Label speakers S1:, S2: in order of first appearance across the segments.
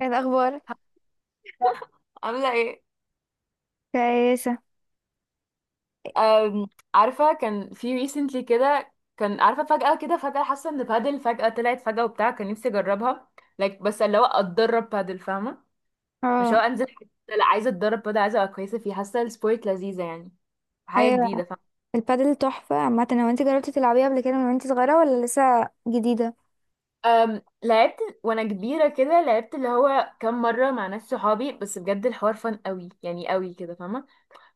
S1: ايه الاخبار؟
S2: عاملة ايه؟
S1: كويسة.
S2: أم، عارفة، كان في ريسنتلي كده، كان عارفة فجأة كده فجأة حاسة ان بادل فجأة طلعت فجأة وبتاع، كان نفسي اجربها. Like بس اللي هو اتدرب بادل، فاهمة؟ مش هو
S1: اه.
S2: انزل حتة، لا عايزة اتدرب بادل، عايزة ابقى كويسة فيه، حاسة السبورت لذيذة يعني، حاجة
S1: ايوه.
S2: جديدة فاهمة.
S1: البادل تحفة عامة. هو انت جربتي تلعبيها قبل كده من وانت صغيرة ولا لسه جديدة؟
S2: لعبت وانا كبيرة كده، لعبت اللي هو كام مرة مع ناس صحابي، بس بجد الحوار فن قوي، يعني قوي كده فاهمة.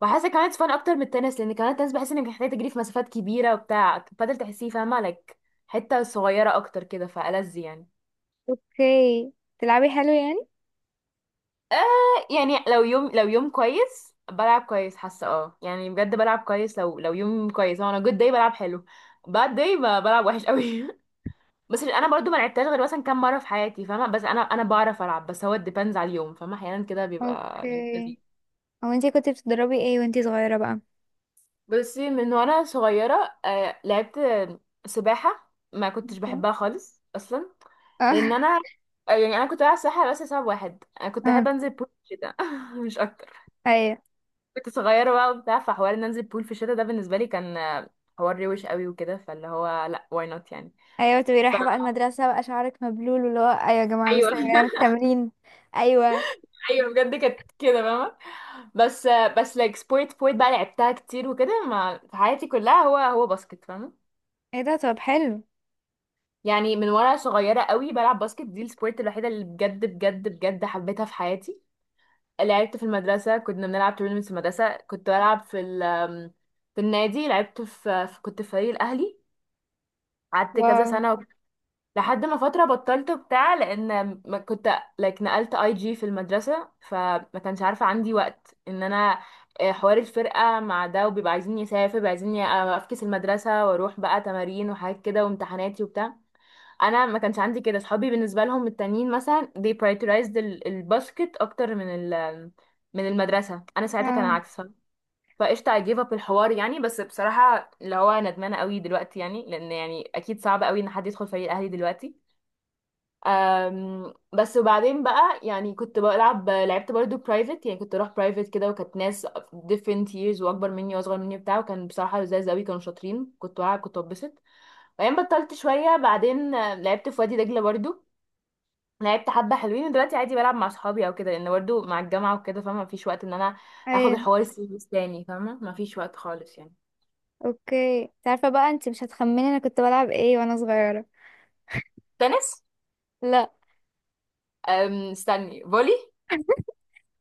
S2: وحاسه كمان فن اكتر من التنس، لان كمان التنس بحس انك محتاجه تجري في مسافات كبيره وبتاع، بدل تحسيه فاهمه لك حته صغيره اكتر كده فألذ يعني.
S1: اوكي، تلعبي حلو يعني.
S2: آه يعني لو يوم كويس بلعب كويس، حاسه اه يعني بجد بلعب كويس، لو يوم كويس، هو انا جود داي بلعب حلو. باد داي بلعب وحش قوي بس انا برضو ما لعبتهاش غير مثلا كام مره في حياتي فاهمه، بس انا بعرف العب، بس هو ديبندز على اليوم فاهمه، احيانا كده بيبقى
S1: اوكي،
S2: لذيذ.
S1: هو انت كنت بتدربي ايه وانت صغيرة بقى؟
S2: بصي، من وانا صغيرة لعبت سباحة، ما كنتش
S1: اوكي.
S2: بحبها خالص اصلا، لان
S1: اه.
S2: انا يعني انا كنت بلعب سباحة بس لسبب واحد: انا كنت
S1: اه.
S2: احب انزل بول في الشتاء مش اكتر.
S1: ايوه.
S2: كنت صغيرة بقى وبتاع، فحوار ان انزل بول في الشتاء ده بالنسبة لي كان حوار روش قوي وكده، فاللي هو لا واي نوت يعني.
S1: ايوه، تبقي رايحة بقى المدرسة بقى شعرك مبلول واللي هو ايوه يا جماعة
S2: فايوه
S1: لسه جاية من التمرين. ايوه.
S2: ايوه بجد كانت كده فاهمة. بس بس لايك سبورت سبورت بقى لعبتها كتير وكده ما في حياتي كلها، هو باسكت فاهمة.
S1: ايه ده، طب حلو.
S2: يعني من وانا صغيره قوي بلعب باسكت، دي السبورت الوحيده اللي بجد بجد بجد حبيتها في حياتي. لعبت في المدرسه، كنا بنلعب تورنمنتس في المدرسه، كنت بلعب في ال، في النادي، لعبت كنت في فريق الاهلي، قعدت كذا
S1: واو.
S2: سنه لحد ما فتره بطلت بتاع، لان ما كنت like نقلت اي جي في المدرسه، فما كانش عارفه عندي وقت ان انا حوار الفرقه مع ده، وبيبقى عايزين يسافر بيبقى عايزين افكس المدرسه واروح بقى تمارين وحاجات كده وامتحاناتي وبتاع. انا ما كانش عندي كده صحابي بالنسبه لهم التانيين مثلا they prioritized الباسكت اكتر من ال، من المدرسه، انا ساعتها كان
S1: اه.
S2: العكس. فقشطه I gave up الحوار يعني، بس بصراحه اللي هو ندمانه قوي دلوقتي يعني، لان يعني اكيد صعب قوي ان حد يدخل فريق الاهلي دلوقتي. بس وبعدين بقى، يعني كنت بلعب، لعبت برضو برايفت، يعني كنت اروح برايفت كده، وكانت ناس different years، واكبر مني واصغر مني بتاع، وكان بصراحه لذاذ قوي، كانوا شاطرين، كنت بلعب كنت ببسط. وبعدين بطلت شويه، بعدين لعبت في وادي دجله برضو، لعبت حبة حلوين. ودلوقتي عادي بلعب مع صحابي او كده، لان برضه مع الجامعة وكده فاهمة مفيش وقت ان انا اخد
S1: ايوه.
S2: الحوار السيريس تاني، فاهمة مفيش وقت خالص يعني.
S1: اوكي، انت عارفة بقى انت مش هتخمني انا كنت بلعب ايه وانا صغيرة؟
S2: تنس.
S1: لا.
S2: استني، فولي.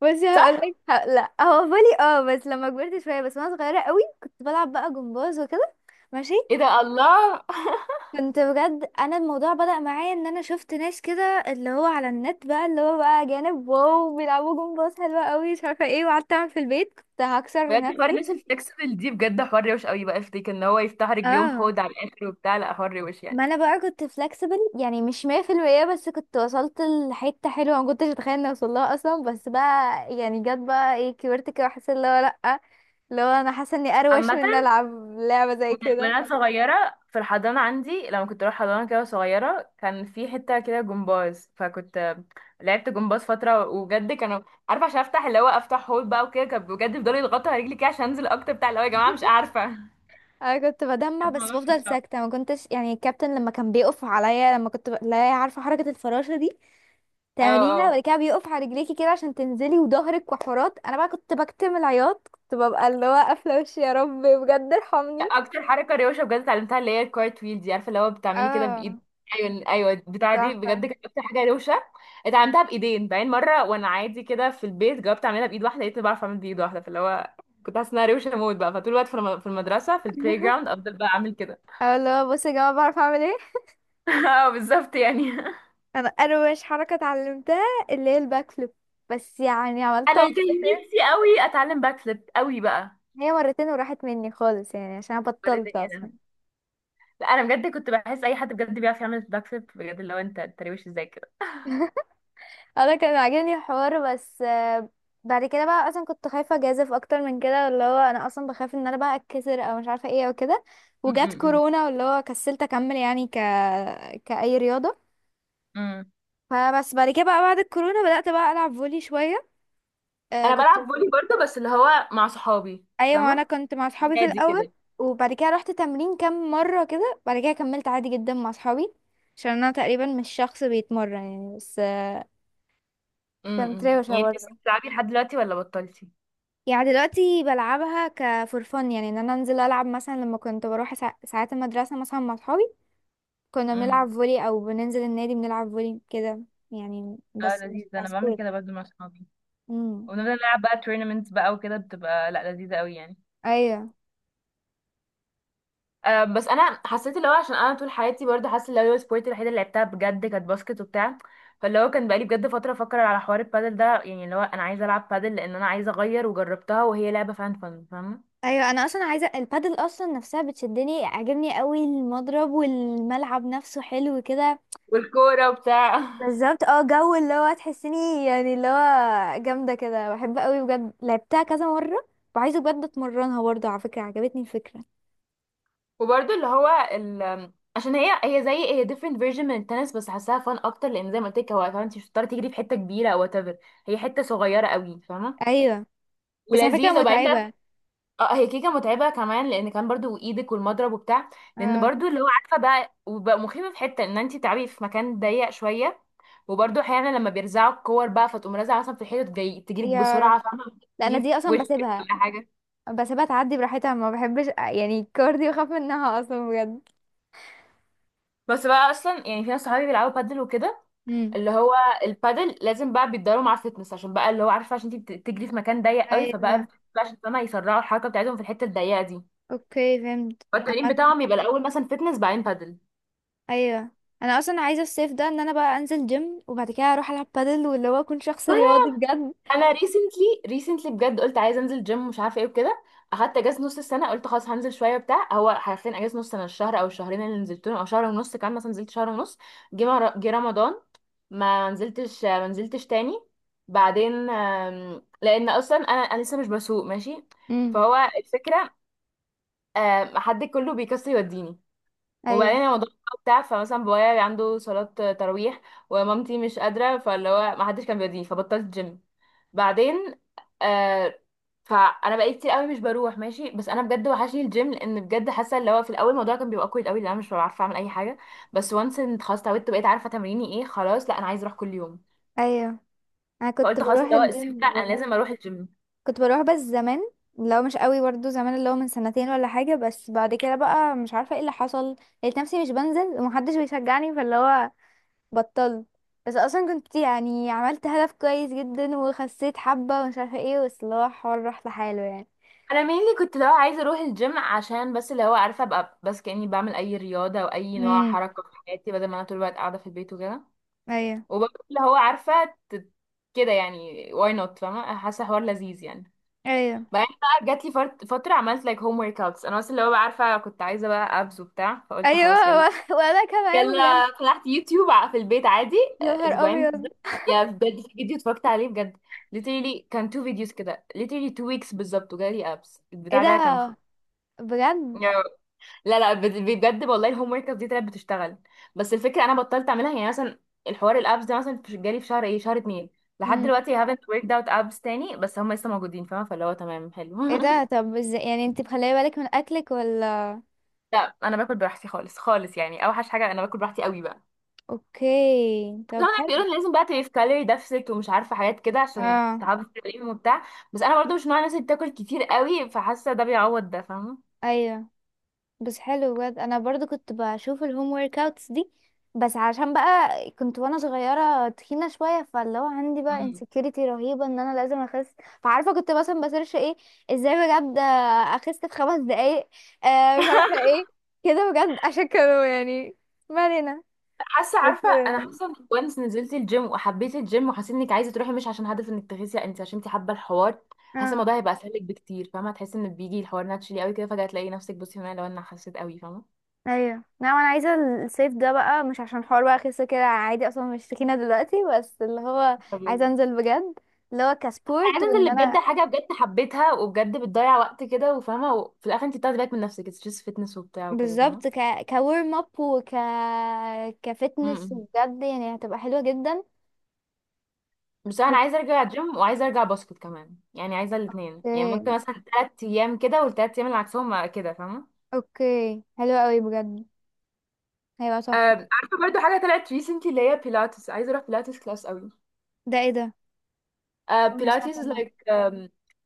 S1: بصي
S2: صح.
S1: هقولك لا، هو بالي، اه بس لما كبرت شويه، بس وانا صغيره قوي كنت بلعب بقى جمباز وكده. ماشي.
S2: ايه ده، الله
S1: كنت بجد، انا الموضوع بدأ معايا ان انا شفت ناس كده اللي هو على النت بقى اللي هو بقى جانب واو بيلعبوا جمباز حلوه قوي مش عارفه ايه، وقعدت اعمل في البيت كنت هكسر
S2: بجد حوار
S1: نفسي.
S2: الناس الفلكسبل دي بجد حوار روش قوي، بقى افتكر ان هو يفتح رجليهم
S1: اه،
S2: حوض على الاخر وبتاع، لا حوار روش
S1: ما
S2: يعني.
S1: انا بقى كنت فلكسبل يعني مش 100% بس كنت وصلت لحته حلوه ما كنتش اتخيل اني اوصل لها اصلا، بس بقى يعني جت بقى ايه كبرت كده وحسيت اللي هو لا، لو انا حاسه اني اروش
S2: عامة
S1: من إني العب لعبه زي كده.
S2: وانا صغيره في الحضانه عندي، لما كنت اروح حضانه كده صغيره، كان في حته كده جمباز، فكنت لعبت جمباز فتره، وبجد كانوا عارفه عشان افتح اللي هو افتح هول بقى وكده، كان بجد بيفضلوا يضغطوا على رجلي كده عشان انزل اكتر بتاع، اللي هو يا جماعه مش عارفه.
S1: انا كنت بدمع بس
S2: الموضوع كان
S1: بفضل
S2: صعب.
S1: ساكته، ما كنتش يعني، الكابتن لما كان بيقف عليا لما كنت لا، عارفه حركه الفراشه دي
S2: اه.
S1: تعمليها
S2: اه
S1: وبعد كده بيقف على رجليكي كده عشان تنزلي وظهرك وحورات، انا بقى كنت بكتم العياط، كنت ببقى اللي هو قافله وشي يا رب بجد ارحمني.
S2: اكتر حركه روشه بجد اتعلمتها اللي هي الكارت ويل دي عارفه، اللي هو بتعملي كده
S1: اه.
S2: بايد، ايوه ايوه بتاع، دي
S1: تحفه.
S2: بجد كانت اكتر حاجه روشه اتعلمتها بايدين. بعدين مره وانا عادي كده في البيت جربت اعملها بايد واحده، لقيتني بعرف اعمل بايد واحده، فاللي هو كنت حاسه انها روشه موت بقى، فطول الوقت في في المدرسه في البلاي جراوند افضل بقى اعمل كده
S1: اه اللي هو بصي يا جماعه بعرف اعمل ايه.
S2: اه بالظبط يعني
S1: انا اروش حركه اتعلمتها اللي هي الباك فليب، بس يعني عملتها
S2: انا كان
S1: مرتين.
S2: نفسي قوي اتعلم باك فليب قوي بقى.
S1: هي مرتين وراحت مني خالص يعني عشان أنا
S2: وريتني
S1: بطلت
S2: إيه أنا.
S1: اصلا.
S2: لا انا بجد كنت بحس اي حد بجد بيعرف يعمل باك فليب بجد، اللي هو انت، انت روش ازاي كده.
S1: انا كان عاجبني الحوار بس بعد كده بقى اصلا كنت خايفه اجازف اكتر من كده، اللي هو انا اصلا بخاف ان انا بقى اتكسر او مش عارفه ايه او كده، وجات
S2: م-
S1: كورونا واللي هو كسلت اكمل يعني كاي رياضه.
S2: م- م.
S1: فبس بعد كده بقى بعد الكورونا بدات بقى العب فولي شويه. آه
S2: انا
S1: كنت.
S2: بلعب فولي برضه، بس اللي هو مع صحابي
S1: ايوه، انا
S2: فاهمه،
S1: كنت مع اصحابي في
S2: نادي
S1: الاول،
S2: كده.
S1: وبعد كده رحت تمرين كام مره كده، بعد كده كملت عادي جدا مع اصحابي، عشان انا تقريبا مش شخص بيتمرن يعني. بس كانت
S2: امم،
S1: روشة
S2: يعني انت لسه
S1: برضه
S2: بتلعبي لحد دلوقتي ولا بطلتي؟
S1: يعني. دلوقتي بلعبها كفور فن يعني، ان انا انزل العب مثلا لما كنت بروح ساعات المدرسه مثلا مع اصحابي كنا
S2: امم.
S1: بنلعب فولي او بننزل النادي بنلعب فولي كده يعني،
S2: اه
S1: بس مش
S2: لذيذ، انا بعمل
S1: كسبور.
S2: كده برضو مع صحابي،
S1: امم.
S2: ونفضل نلعب بقى تورنمنتس بقى وكده، بتبقى لا لذيذة قوي يعني.
S1: ايوه.
S2: أه بس انا حسيت اللي هو عشان انا طول حياتي برضه حاسه اللي هو سبورت الوحيده اللي لعبتها بجد كانت باسكت وبتاع، فاللي هو كان بقالي بجد فتره افكر على حوار البادل ده، يعني اللي هو انا عايزه العب بادل، لان انا عايزه اغير وجربتها وهي لعبه فان فن فاهمه.
S1: ايوه، انا اصلا عايزه البادل، اصلا نفسها بتشدني، عاجبني قوي المضرب والملعب نفسه حلو كده.
S2: والكوره وبتاع
S1: بالظبط. اه جو اللي هو تحسيني يعني اللي هو جامده كده، بحب قوي بجد، لعبتها كذا مره، وعايزه بجد اتمرنها برضه. على فكره عجبتني الفكره.
S2: وبرضه اللي هو ال... عشان هي هي زي هي different version من التنس، بس حاساها فن اكتر، لان زي ما قلت لك هو كمان انت مش بتضطري تجري في حته كبيره او whatever، هي حته صغيره قوي فاهمه،
S1: ايوه. بس على فكرة
S2: ولذيذه. وبعدين بقى
S1: متعبة.
S2: اه، هي كيكه متعبه كمان لان كان برضو ايدك والمضرب وبتاع، لان
S1: اه.
S2: برضو اللي هو عارفه بقى وبقى مخيفه في حته ان انت تلعبي في مكان ضيق شويه، وبرضو احيانا لما بيرزعوا الكور بقى فتقوم رازعه مثلا في الحيطه جاي تجيلك
S1: يا رب،
S2: بسرعه فاهمه،
S1: لا، انا
S2: تيجي في
S1: دي اصلا
S2: وشك
S1: بسيبها،
S2: ولا حاجه.
S1: بسيبها تعدي براحتها، ما بحبش يعني الكار دي، بخاف منها اصلا بجد.
S2: بس بقى اصلا يعني في ناس صحابي بيلعبوا بادل وكده،
S1: امم.
S2: اللي هو البادل لازم بقى بيتدربوا مع الفتنس، عشان بقى اللي هو عارفه عشان انت بتجري في مكان ضيق قوي،
S1: ايوه.
S2: فبقى بقى عشان فاهمه يسرعوا الحركه بتاعتهم في الحته الضيقه دي،
S1: اوكي، فهمت
S2: فالتمرين بتاعهم يبقى الاول مثلا فتنس بعدين بادل.
S1: ايوه، انا اصلا عايزه الصيف ده ان انا بقى انزل جيم، وبعد كده اروح العب بادل، واللي هو اكون شخص رياضي بجد.
S2: انا ريسنتلي ريسنتلي بجد قلت عايزه انزل جيم، مش عارفه ايه وكده، اخدت اجازه نص السنه، قلت خلاص هنزل شويه بتاع، هو حرفيا اجازه نص سنه، الشهر او الشهرين اللي نزلتهم او شهر ونص، كان مثلا نزلت شهر ونص، جه رمضان، ما نزلتش ما نزلتش تاني. بعدين لان اصلا انا لسه مش بسوق ماشي،
S1: امم.
S2: فهو الفكره حد كله بيكسر يوديني،
S1: ايوه.
S2: وبعدين الموضوع بتاع، فمثلا بابايا عنده صلاه تراويح، ومامتي مش قادره، فاللي هو ما حدش كان بيوديني، فبطلت جيم. بعدين آه، فانا بقيت كتير قوي مش بروح ماشي، بس انا بجد وحشني الجيم، لان بجد حاسه اللي هو في الاول الموضوع كان بيبقى كويس قوي لان انا مش بعرف اعمل اي حاجه، بس وانس ان خلاص اتعودت بقيت عارفه تمريني ايه، خلاص لا انا عايزه اروح كل يوم.
S1: ايوه، انا كنت
S2: فقلت خلاص
S1: بروح
S2: اللي هو الصيف ده
S1: الجيم
S2: انا
S1: برضه.
S2: لازم اروح الجيم.
S1: كنت بروح بس زمان، لو مش قوي برضو زمان، اللي هو من سنتين ولا حاجه، بس بعد كده بقى مش عارفه ايه اللي حصل، لقيت نفسي مش بنزل ومحدش بيشجعني فاللي هو بطلت. بس اصلا كنت يعني عملت هدف كويس جدا وخسيت حبة ومش عارفة ايه، بس اللي هو الحوار راح لحاله يعني.
S2: انا mainly كنت اللي هو عايزه اروح الجيم عشان بس اللي هو عارفه ابقى بس كاني بعمل اي رياضه او اي نوع
S1: امم.
S2: حركه في حياتي بدل ما انا طول الوقت قاعده في البيت وكده.
S1: ايوه.
S2: وبرضه اللي هو عارفه كده يعني why not فاهمه، حاسه حوار لذيذ يعني.
S1: ايوه.
S2: بعدين بقى جات لي فتره عملت like home workouts انا، بس اللي هو بقى عارفه كنت عايزه بقى abs وبتاع، فقلت خلاص
S1: ايوه.
S2: يلا،
S1: وانا كمان بجد.
S2: يلا فتحت يوتيوب في البيت عادي.
S1: يا نهار
S2: اسبوعين
S1: ابيض.
S2: بالظبط، يا بجد في فيديو اتفرجت عليه بجد literally، كان تو فيديوز كده، literally two weeks بالظبط، وجالي ابس
S1: ايه
S2: البتاع
S1: ده؟
S2: ده كان خ...
S1: بجد؟
S2: يا- لا لا بجد والله، الهوم ورك دي طلعت بتشتغل. بس الفكره انا بطلت اعملها، يعني مثلا الحوار الابس ده مثلا جالي في شهر ايه، شهر اتنين، لحد
S1: امم.
S2: دلوقتي I haven't worked out abs تاني، بس هم لسه موجودين فاهمه، فاللي هو تمام حلو
S1: ايه ده، طب ازاي يعني انت مخليه بالك من اكلك ولا؟
S2: لا انا باكل براحتي خالص خالص يعني، اوحش حاجه انا باكل براحتي قوي بقى.
S1: اوكي، طب
S2: هما
S1: حلو.
S2: بيقولوا إن لازم بقى تبقي في كالوري ديفست ومش عارفه حاجات كده عشان
S1: اه.
S2: تعرفي تتكلمي وبتاع، بس انا برضو مش نوع الناس اللي بتاكل كتير قوي، فحاسه ده بيعوض ده فاهمه.
S1: ايوه. بس حلو بجد، انا برضو كنت بشوف الهوم ورك اوتس دي، بس عشان بقى كنت وانا صغيره تخينه شويه، فاللي هو عندي بقى
S2: مم.
S1: انسكيورتي رهيبه ان انا لازم اخس، فعارفه كنت مثلا بسيرش ايه، ازاي بجد اخس في 5 دقايق، آه مش عارفه ايه كده بجد، عشان كانوا يعني، ما علينا.
S2: حاسه
S1: بس
S2: عارفه، انا حاسه انك وانس نزلت الجيم وحبيت الجيم وحسيت انك عايزه تروحي مش عشان هدف انك تخسي لا، انت عشان انت حابه الحوار، حاسه
S1: اه
S2: الموضوع هيبقى اسهل لك بكتير فاهمه، هتحسي ان بيجي الحوار ناتشلي قوي كده، فجاه تلاقي نفسك بصي هنا لو انا حسيت قوي فاهمه.
S1: ايوه، لا انا عايزه الصيف ده بقى، مش عشان حوار بقى اخس كده، عادي اصلا مش تخينه دلوقتي، بس اللي هو
S2: طب
S1: عايزه
S2: لذيذ.
S1: انزل بجد، اللي هو
S2: انا
S1: كسبورت
S2: عايزه انزل
S1: وان
S2: اللي بجد
S1: انا،
S2: حاجه بجد حبيتها وبجد بتضيع وقت كده وفاهمه، وفي الاخر انت بتاخدي بالك من نفسك ستريس فيتنس وبتاع وكده فاهمه.
S1: بالظبط كورم اب وك كفتنس
S2: مم.
S1: بجد يعني هتبقى حلوة جدا.
S2: بس انا عايزه ارجع جيم وعايزه ارجع باسكت كمان، يعني عايزه الاثنين،
S1: اوكي.
S2: يعني ممكن مثلا 3 ايام كده والثلاث ايام اللي عكسهم كده فاهمه.
S1: اوكي، حلو قوي بجد، هيبقى تحفة.
S2: عارفه برضو حاجه طلعت ريسنتلي اللي هي بيلاتس، عايزه اروح بيلاتس كلاس قوي.
S1: ده ايه ده؟ انا
S2: بيلاتس
S1: سمعت
S2: از
S1: عنه.
S2: لايك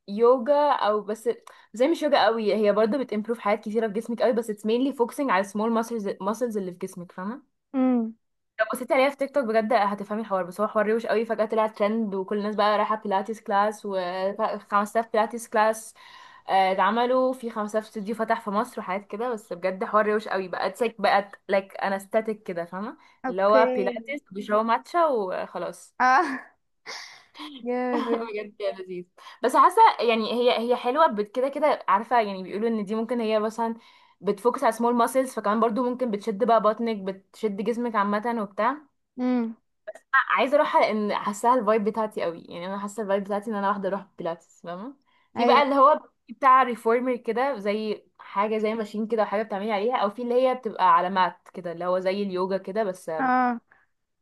S2: يوجا او بس زي مش يوجا قوي، هي برضو بتمبروف حاجات كتيره في جسمك قوي، بس اتس مينلي فوكسنج على السمول ماسلز، ماسلز اللي في جسمك فاهمه.
S1: امم.
S2: لو بصيتي عليها في تيك توك بجد هتفهمي الحوار، بس هو حوار روش قوي، فجاه طلع ترند، وكل الناس بقى رايحه بيلاتس كلاس و5000 بيلاتس كلاس. اتعملوا في 15 استوديو فتح في مصر وحاجات كده، بس بجد حوار روش قوي، بقت سك بقت لايك انا ستاتيك كده فاهمه، اللي
S1: اوكي.
S2: هو بيلاتس بيشربوا ماتشا وخلاص
S1: اه. جامد بجد.
S2: بجد يا لذيذ. بس حاسه يعني هي هي حلوه كده كده عارفه يعني بيقولوا ان دي ممكن هي مثلا بتفوكس على سمول ماسلز، فكمان برضو ممكن بتشد بقى بطنك بتشد جسمك عامه وبتاع،
S1: امم.
S2: عايزه اروحها لان حاساها الفايب بتاعتي قوي يعني، انا حاسه الفايب بتاعتي ان انا واحده اروح بيلاتس فاهمه. في بقى
S1: ايوه.
S2: اللي هو بتاع ريفورمر كده زي حاجه زي ماشين كده وحاجه بتعملي عليها، او في اللي هي بتبقى على مات كده اللي هو زي اليوجا كده، بس
S1: اه.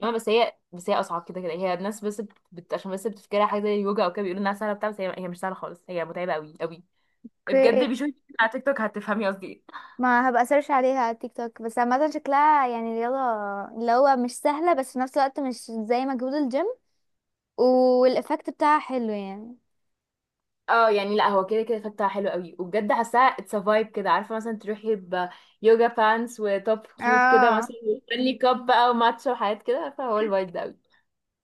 S2: ما بس هي اصعب كده كده، هي الناس بس بت... عشان بس بتفكرها حاجه زي اليوجا او كده، بيقولوا انها سهله بتاع، بس هي... هي مش سهله خالص، هي متعبه قوي قوي بجد،
S1: اوكي،
S2: بيشوفي على تيك توك هتفهمي قصدي إيه.
S1: ما هبقى سيرش عليها على تيك توك. بس عامة شكلها يعني رياضة اللي هو مش سهلة بس في نفس الوقت مش زي مجهود الجيم، والإفكت بتاعها حلو يعني.
S2: اه يعني لا هو كده كده فتحة حلو قوي وبجد حاساها اتس فايب كده عارفه، مثلا تروحي بيوجا بانس وتوب كيوت كده
S1: اه.
S2: مثلا وستانلي كاب بقى وماتشا وحاجات كده عارفه، هو الفايب ده قوي.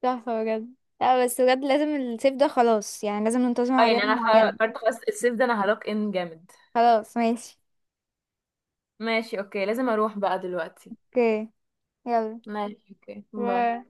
S1: تحفة بجد. لا بس بجد لازم الصيف ده خلاص، يعني لازم ننتظم
S2: اه
S1: على
S2: يعني
S1: رياضة
S2: انا
S1: معينة.
S2: قررت خلاص الصيف ده انا هروك ان جامد.
S1: خلاص ماشي.
S2: ماشي اوكي، لازم اروح بقى دلوقتي.
S1: اوكي. يلا.
S2: ماشي اوكي، باي.
S1: باي.